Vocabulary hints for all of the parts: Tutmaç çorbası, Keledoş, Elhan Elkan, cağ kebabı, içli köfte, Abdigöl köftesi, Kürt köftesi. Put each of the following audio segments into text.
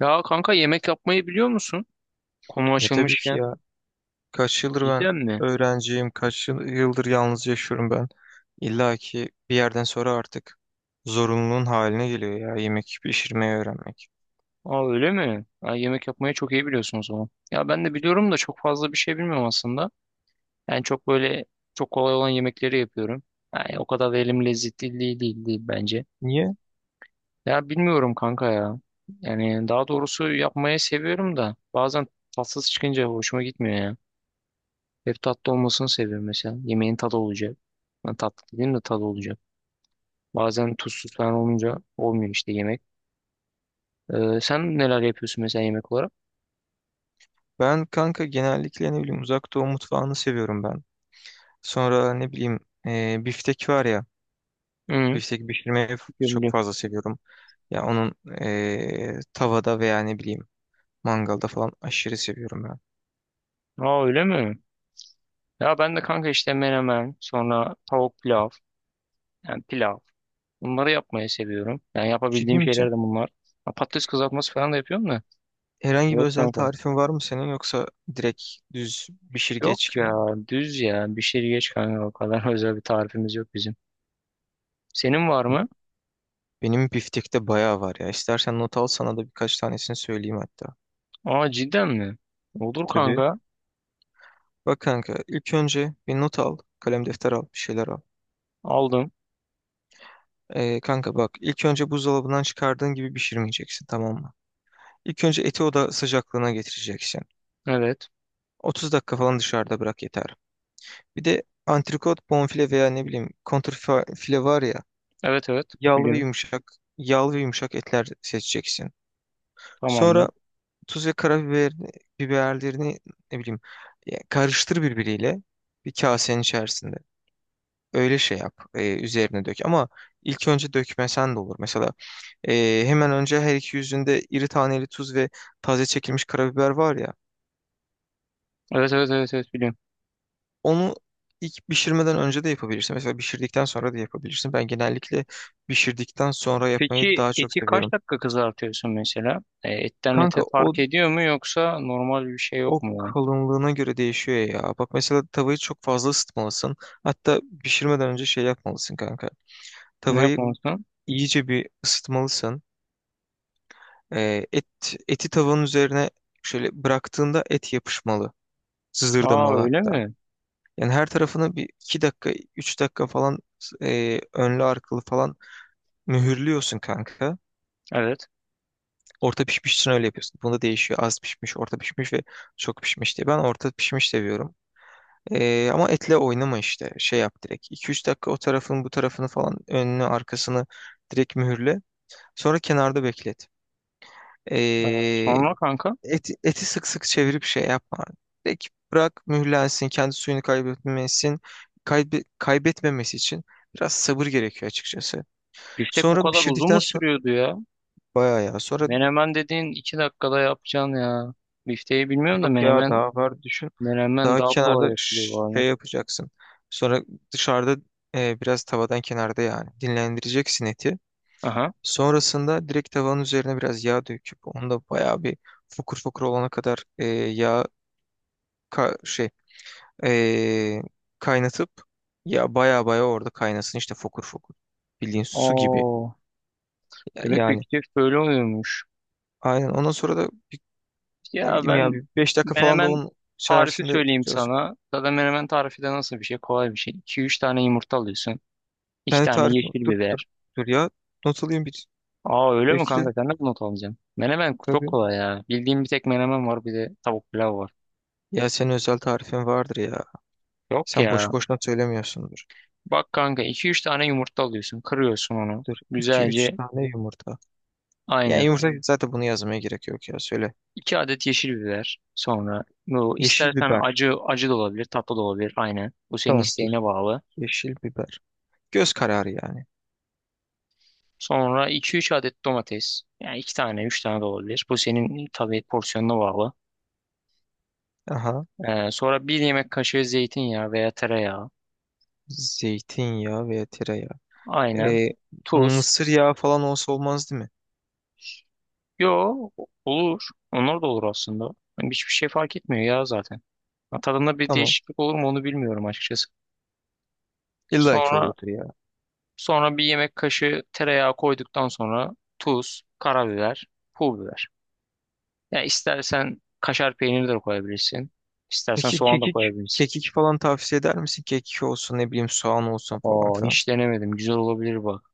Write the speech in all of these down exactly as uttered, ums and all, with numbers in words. Ya kanka yemek yapmayı biliyor musun? Konu Ya tabii ki açılmışken. ya. Kaç yıldır ben Cidden mi? öğrenciyim, kaç yıl- yıldır yalnız yaşıyorum ben. İlla ki bir yerden sonra artık zorunluluğun haline geliyor ya yemek pişirmeyi öğrenmek. Aa öyle mi? Aa, yemek yapmayı çok iyi biliyorsun o zaman. Ya ben de biliyorum da çok fazla bir şey bilmiyorum aslında. Yani çok böyle çok kolay olan yemekleri yapıyorum. Yani o kadar da elim lezzetli değil, değil, değil bence. Niye? Ya bilmiyorum kanka ya. Yani daha doğrusu yapmayı seviyorum da bazen tatsız çıkınca hoşuma gitmiyor ya. Hep tatlı olmasını seviyorum mesela. Yemeğin tadı olacak. Yani tatlı dediğim de tadı olacak. Bazen tuzsuz falan olunca olmuyor işte yemek. Ee, sen neler yapıyorsun mesela yemek olarak? Ben kanka genellikle ne bileyim uzak doğu mutfağını seviyorum ben. Sonra ne bileyim e, biftek var ya. Hı, Biftek pişirmeyi f- biliyorum Çok biliyorum. fazla seviyorum. Ya onun e, tavada veya ne bileyim mangalda falan aşırı seviyorum ben. Aa öyle mi? Ya ben de kanka işte menemen, sonra tavuk pilav, yani pilav. Bunları yapmayı seviyorum. Yani Ciddi yapabildiğim şeyler misin? de bunlar. Ha, patates kızartması falan da yapıyorum da. Herhangi bir Evet özel kanka. tarifin var mı senin, yoksa direkt düz pişir Yok geç gibi ya, mi? düz ya. Bir şey geç kanka, o kadar özel bir tarifimiz yok bizim. Senin var mı? Benim biftekte bayağı var ya. İstersen not al, sana da birkaç tanesini söyleyeyim hatta. Aa cidden mi? Olur Tabii. kanka. Bak kanka, ilk önce bir not al. Kalem defter al. Bir şeyler al. Aldım. Ee, kanka bak, ilk önce buzdolabından çıkardığın gibi pişirmeyeceksin, tamam mı? İlk önce eti oda sıcaklığına getireceksin. Evet. otuz dakika falan dışarıda bırak yeter. Bir de antrikot, bonfile veya ne bileyim kontrfile var ya, Evet, evet. yağlı ve Biliyorum. yumuşak yağlı ve yumuşak etler seçeceksin. Tamamdır. Sonra tuz ve karabiber biberlerini ne bileyim, ya karıştır birbiriyle bir kasenin içerisinde. Öyle şey yap. E, üzerine dök. Ama ilk önce dökmesen de olur. Mesela e, hemen önce her iki yüzünde iri taneli tuz ve taze çekilmiş karabiber var ya. Evet, evet, evet, evet, biliyorum. Onu ilk pişirmeden önce de yapabilirsin. Mesela pişirdikten sonra da yapabilirsin. Ben genellikle pişirdikten sonra yapmayı Peki daha çok eti kaç seviyorum. dakika kızartıyorsun mesela? E, etten Kanka ete o fark ediyor mu, yoksa normal bir şey O yok mu ya? kalınlığına göre değişiyor ya. Bak mesela tavayı çok fazla ısıtmalısın. Hatta pişirmeden önce şey yapmalısın kanka. Ne Tavayı yapmalısın? iyice bir ısıtmalısın. Ee, et Eti tavanın üzerine şöyle bıraktığında et yapışmalı. Aa Sızırdamalı öyle hatta. mi? Yani her tarafını bir iki dakika, üç dakika falan e, önlü arkalı falan mühürlüyorsun kanka. Evet. Orta pişmiş için öyle yapıyorsun. Bunda değişiyor. Az pişmiş, orta pişmiş ve çok pişmiş diye. Ben orta pişmiş seviyorum. Ee, ama etle oynama işte. Şey yap direkt. iki üç dakika o tarafın bu tarafını falan, önünü arkasını direkt mühürle. Sonra kenarda beklet. Ee, Sonra kanka et, Eti sık sık çevirip şey yapma. Direkt bırak mühürlensin. Kendi suyunu kaybetmesin. Kaybe- kaybetmemesi için biraz sabır gerekiyor açıkçası. biftek bu Sonra kadar uzun mu pişirdikten sonra sürüyordu ya? bayağı ya. Sonra Menemen dediğin iki dakikada yapacaksın ya. Bifteyi bilmiyorum da yok ya, menemen daha var düşün. menemen Daha daha kolay kenarda yapılıyor bu ş- arada. şey yapacaksın. Sonra dışarıda e, biraz tavadan kenarda, yani dinlendireceksin eti. Aha. Sonrasında direkt tavanın üzerine biraz yağ döküp onu da bayağı bir fokur fokur olana kadar e, yağ ka- şey e, kaynatıp, ya bayağı bayağı orada kaynasın işte, fokur fokur. Bildiğin su gibi Oo. ya, Demek yani. biftek böyle oluyormuş. Aynen ondan sonra da bir- ne Ya bileyim ya ben bir beş dakika falan da menemen onun tarifi içerisinde söyleyeyim diyorsun. sana. Zaten menemen tarifi de nasıl bir şey? Kolay bir şey. iki üç tane yumurta alıyorsun. İki Kendi tane tarifin. yeşil dur dur biber. dur ya, not alayım bir, Aa öyle mi bekle. kanka, sen nasıl not alacaksın? Menemen çok Tabii. kolay ya. Bildiğim bir tek menemen var, bir de tavuk pilav var. Ya senin özel tarifin vardır ya. Yok Sen ya. boş boşuna söylemiyorsundur. Bak kanka, iki üç tane yumurta alıyorsun. Kırıyorsun onu. Dur, iki üç Güzelce tane yumurta. Yani aynı. yumurta, zaten bunu yazmaya gerek yok ya, söyle. iki adet yeşil biber. Sonra bu Yeşil istersen biber. acı acı da olabilir, tatlı da olabilir. Aynı. Bu senin Tamam dur. isteğine bağlı. Yeşil biber. Göz kararı yani. Sonra iki üç adet domates. Yani iki tane üç tane de olabilir. Bu senin tabii porsiyonuna bağlı. Aha. Ee, sonra bir yemek kaşığı zeytinyağı veya tereyağı. Zeytinyağı veya tereyağı. Aynen. Ee, Tuz. Mısır yağı falan olsa olmaz değil mi? Yo, olur. Onlar da olur aslında. Yani hiçbir şey fark etmiyor ya zaten. Ha, tadında bir Tamam. değişiklik olur mu onu bilmiyorum açıkçası. İlla ki Sonra oluyordur ya. sonra bir yemek kaşığı tereyağı koyduktan sonra tuz, karabiber, pul biber. Ya istersen kaşar peyniri de koyabilirsin. İstersen Peki soğan da kekik, koyabilirsin. kekik falan tavsiye eder misin? Kekik olsun, ne bileyim soğan olsun falan Aa filan. hiç denemedim. Güzel olabilir bak.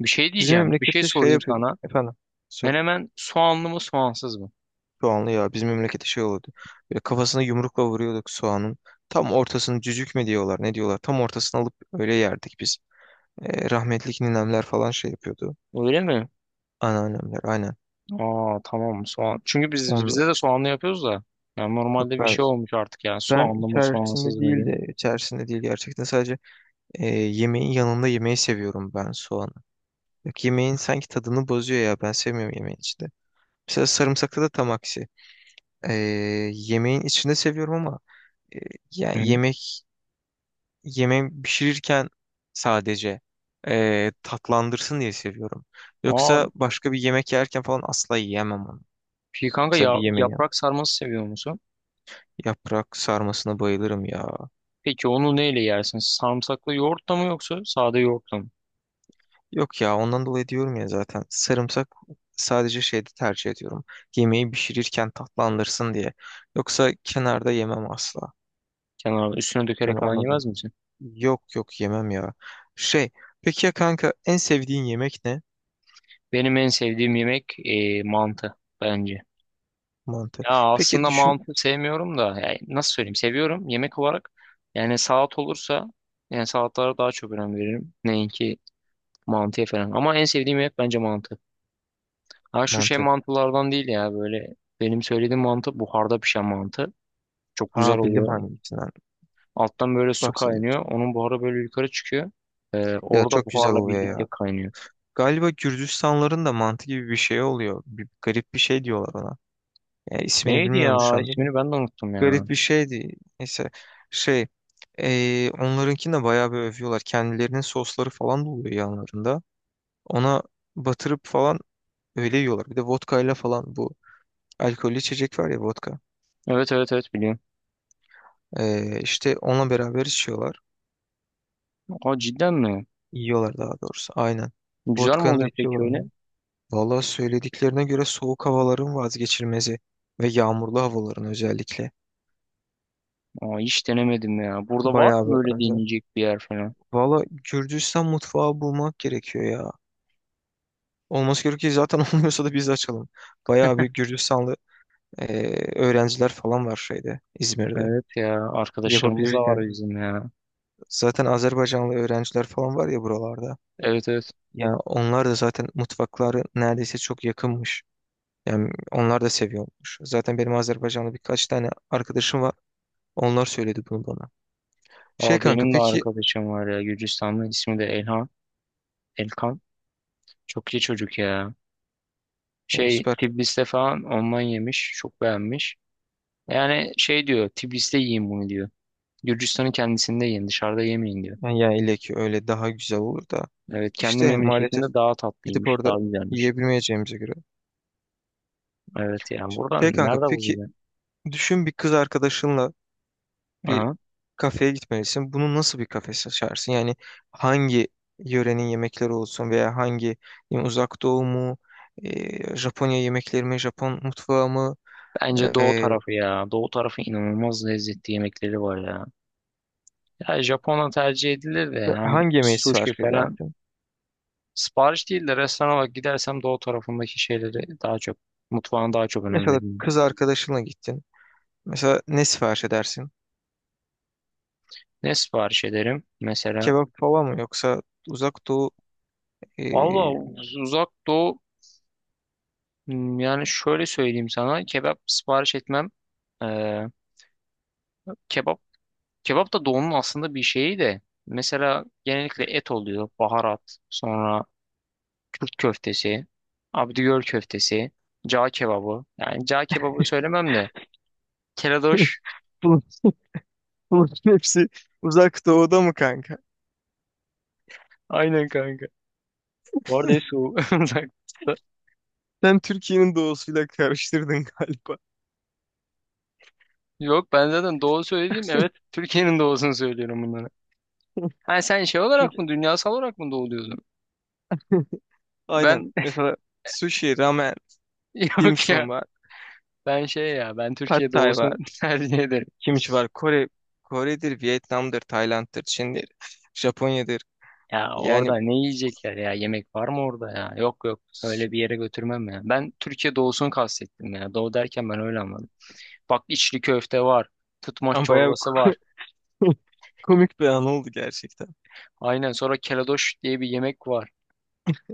Bir şey Bizim diyeceğim. Bir şey memlekette şey sorayım yapıyordu. sana. Efendim, sor. Menemen soğanlı mı, soğansız mı? Soğanlı ya, bizim memlekette şey olurdu. Böyle kafasına yumrukla vuruyorduk soğanın. Tam ortasını cücük mü diyorlar, ne diyorlar. Tam ortasını alıp öyle yerdik biz. E, rahmetli ninemler falan şey yapıyordu. Öyle mi? Anneannemler aynen. Aa tamam, soğan. Çünkü biz, On, bize de soğanlı yapıyoruz da. Yani yok normalde bir ben şey olmuş artık yani, ben soğanlı mı soğansız içerisinde mı değil, diye. de içerisinde değil gerçekten sadece e, yemeğin yanında yemeği seviyorum ben soğanı. Yok, yemeğin sanki tadını bozuyor ya, ben sevmiyorum yemeğin içinde. Mesela sarımsakta da tam aksi. E, Yemeğin içinde seviyorum ama e, Hı. yani yemek yemeği pişirirken sadece e, tatlandırsın diye seviyorum. Aa Yoksa başka bir yemek yerken falan asla yiyemem onu. peki kanka Mesela bir ya, yemeği. yaprak sarması seviyor musun? Yaprak sarmasına bayılırım ya. Peki onu neyle yersin? Sarımsaklı yoğurtla mı yoksa sade yoğurtla mı? Yok ya, ondan dolayı diyorum ya zaten, sarımsak sadece şeyde tercih ediyorum. Yemeği pişirirken tatlandırsın diye. Yoksa kenarda yemem asla. Kenarına üstüne dökerek Yani falan ondan dolayı. yemez misin? Yok yok, yemem ya. Şey, peki ya kanka, en sevdiğin yemek ne? Benim en sevdiğim yemek e, mantı bence. Mantı. Ya Peki aslında düşün, mantı sevmiyorum da, yani nasıl söyleyeyim, seviyorum yemek olarak. Yani salat olursa, yani salatlara daha çok önem veririm. Neyinki mantıya falan. Ama en sevdiğim yemek bence mantı. Ha, şu şey mantı. mantılardan değil ya, böyle benim söylediğim mantı buharda pişen mantı. Çok Ha, güzel bildim oluyor. hangisinden Alttan böyle su kaynıyor. bahsediyorsun. Onun buharı böyle yukarı çıkıyor. Ee, Ya Orada çok güzel buharla oluyor birlikte ya. kaynıyor. Galiba Gürcistanların da mantı gibi bir şey oluyor. Bir garip bir şey diyorlar ona. Yani ismini Neydi bilmiyorum ya? şu anda da. İsmini ben de unuttum ya. Garip bir şeydi. Neyse, şey, eee onlarınkini de bayağı bir övüyorlar. Kendilerinin sosları falan da oluyor yanlarında. Ona batırıp falan öyle yiyorlar. Bir de vodka ile falan, bu alkollü içecek var ya, vodka. Evet, evet, evet, biliyorum. Eee işte onunla beraber içiyorlar. Aa cidden mi? Yiyorlar daha doğrusu. Aynen. Güzel mi Vodkanı da oluyor peki içiyorlar. öyle? Aynen. Valla söylediklerine göre soğuk havaların vazgeçilmezi ve yağmurlu havaların özellikle, Aa hiç denemedim ya. Burada var bayağı mı bir böyle övdüler. deneyecek bir yer falan? Valla Gürcistan mutfağı bulmak gerekiyor ya. Olması gerekiyor ki zaten olmuyorsa da biz de açalım. Bayağı bir Gürcistanlı eee, öğrenciler falan var şeyde, İzmir'de. Evet ya, arkadaşlarımız Yapabiliriz da yani. var bizim ya. Zaten Azerbaycanlı öğrenciler falan var ya buralarda. Evet, evet. Ya onlar da zaten, mutfakları neredeyse çok yakınmış. Yani onlar da seviyormuş. Zaten benim Azerbaycanlı birkaç tane arkadaşım var. Onlar söyledi bunu bana. Şey Aa, kanka benim de peki, arkadaşım var ya, Gürcistanlı, ismi de Elhan, Elkan, çok iyi çocuk ya. ya Şey, süper. Tiflis'te falan ondan yemiş. Çok beğenmiş. Yani şey diyor, Tiflis'te yiyin bunu diyor. Gürcistan'ın kendisinde yiyin, dışarıda yemeyin diyor. Yani ya ile ki öyle daha güzel olur da. Evet, kendi İşte maalesef memleketinde daha gidip tatlıymış, orada daha güzelmiş. yiyebilmeyeceğimize göre. Evet yani, buradan Şey kanka, nerede peki bulacaksın? düşün, bir kız arkadaşınla bir Aha. kafeye gitmelisin. Bunu nasıl bir kafe seçersin? Yani hangi yörenin yemekleri olsun, veya hangi, yani uzak doğu mu, e, Japonya yemekleri mi, Japon mutfağı mı, Bence doğu e, tarafı ya. Doğu tarafı inanılmaz lezzetli yemekleri var ya. Ya Japonya tercih edilir de, işte yani hangi yemeği sushi sipariş falan, edersin? sipariş değil de restoran olarak gidersem doğu tarafındaki şeyleri daha çok, mutfağına daha çok önem Mesela veririm. kız arkadaşınla gittin. Mesela ne sipariş edersin? Ne sipariş ederim mesela? Kebap falan mı, yoksa uzak doğu e, Valla uz- uzak doğu, hmm, yani şöyle söyleyeyim sana, kebap sipariş etmem. Ee, kebap kebap da doğunun aslında bir şeyi de. Mesela genellikle et oluyor, baharat, sonra Kürt köftesi, Abdigöl köftesi, cağ kebabı. Yani cağ kebabı söylemem de. Keledoş. bunun, bunun hepsi uzak doğuda mı kanka? Aynen kanka. Bu arada hepsi o- uzak. doğu. Sen Türkiye'nin doğusuyla karıştırdın galiba. Yok, ben zaten doğu söyledim. Evet, Türkiye'nin doğusunu söylüyorum bunları. Ha sen şey olarak Çünkü mı, dünyasal olarak mı doğuluyordun? aynen. Ben Mesela sushi, ramen, dim yok ya. sum var. Ben şey ya, ben Pad Türkiye thai doğusunu var. tercih ederim. Kimchi var. Kore, Kore'dir, Vietnam'dır, Tayland'dır, Çin'dir, Japonya'dır. Ya Yani orada ne yiyecekler ya, yemek var mı orada ya? Yok yok, s- öyle bir yere götürmem ya. Ben Türkiye doğusunu kastettim ya. Doğu derken ben öyle anladım. Bak içli köfte var. Tutmaç Ama bayağı çorbası var. komik bir an oldu gerçekten. Aynen, sonra keledoş diye bir yemek var.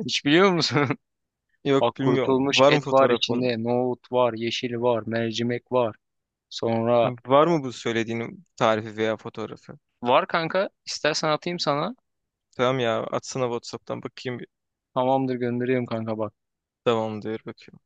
Hiç biliyor musun? Yok Bak bilmiyorum. kurutulmuş Var mı et var fotoğrafı onun? içinde. Nohut var, yeşil var, mercimek var. Sonra Var mı bu söylediğinin tarifi veya fotoğrafı? var kanka, istersen atayım sana. Tamam ya, atsana WhatsApp'tan bakayım bir. Tamamdır, gönderiyorum kanka, bak. Tamam diyor, bakıyorum.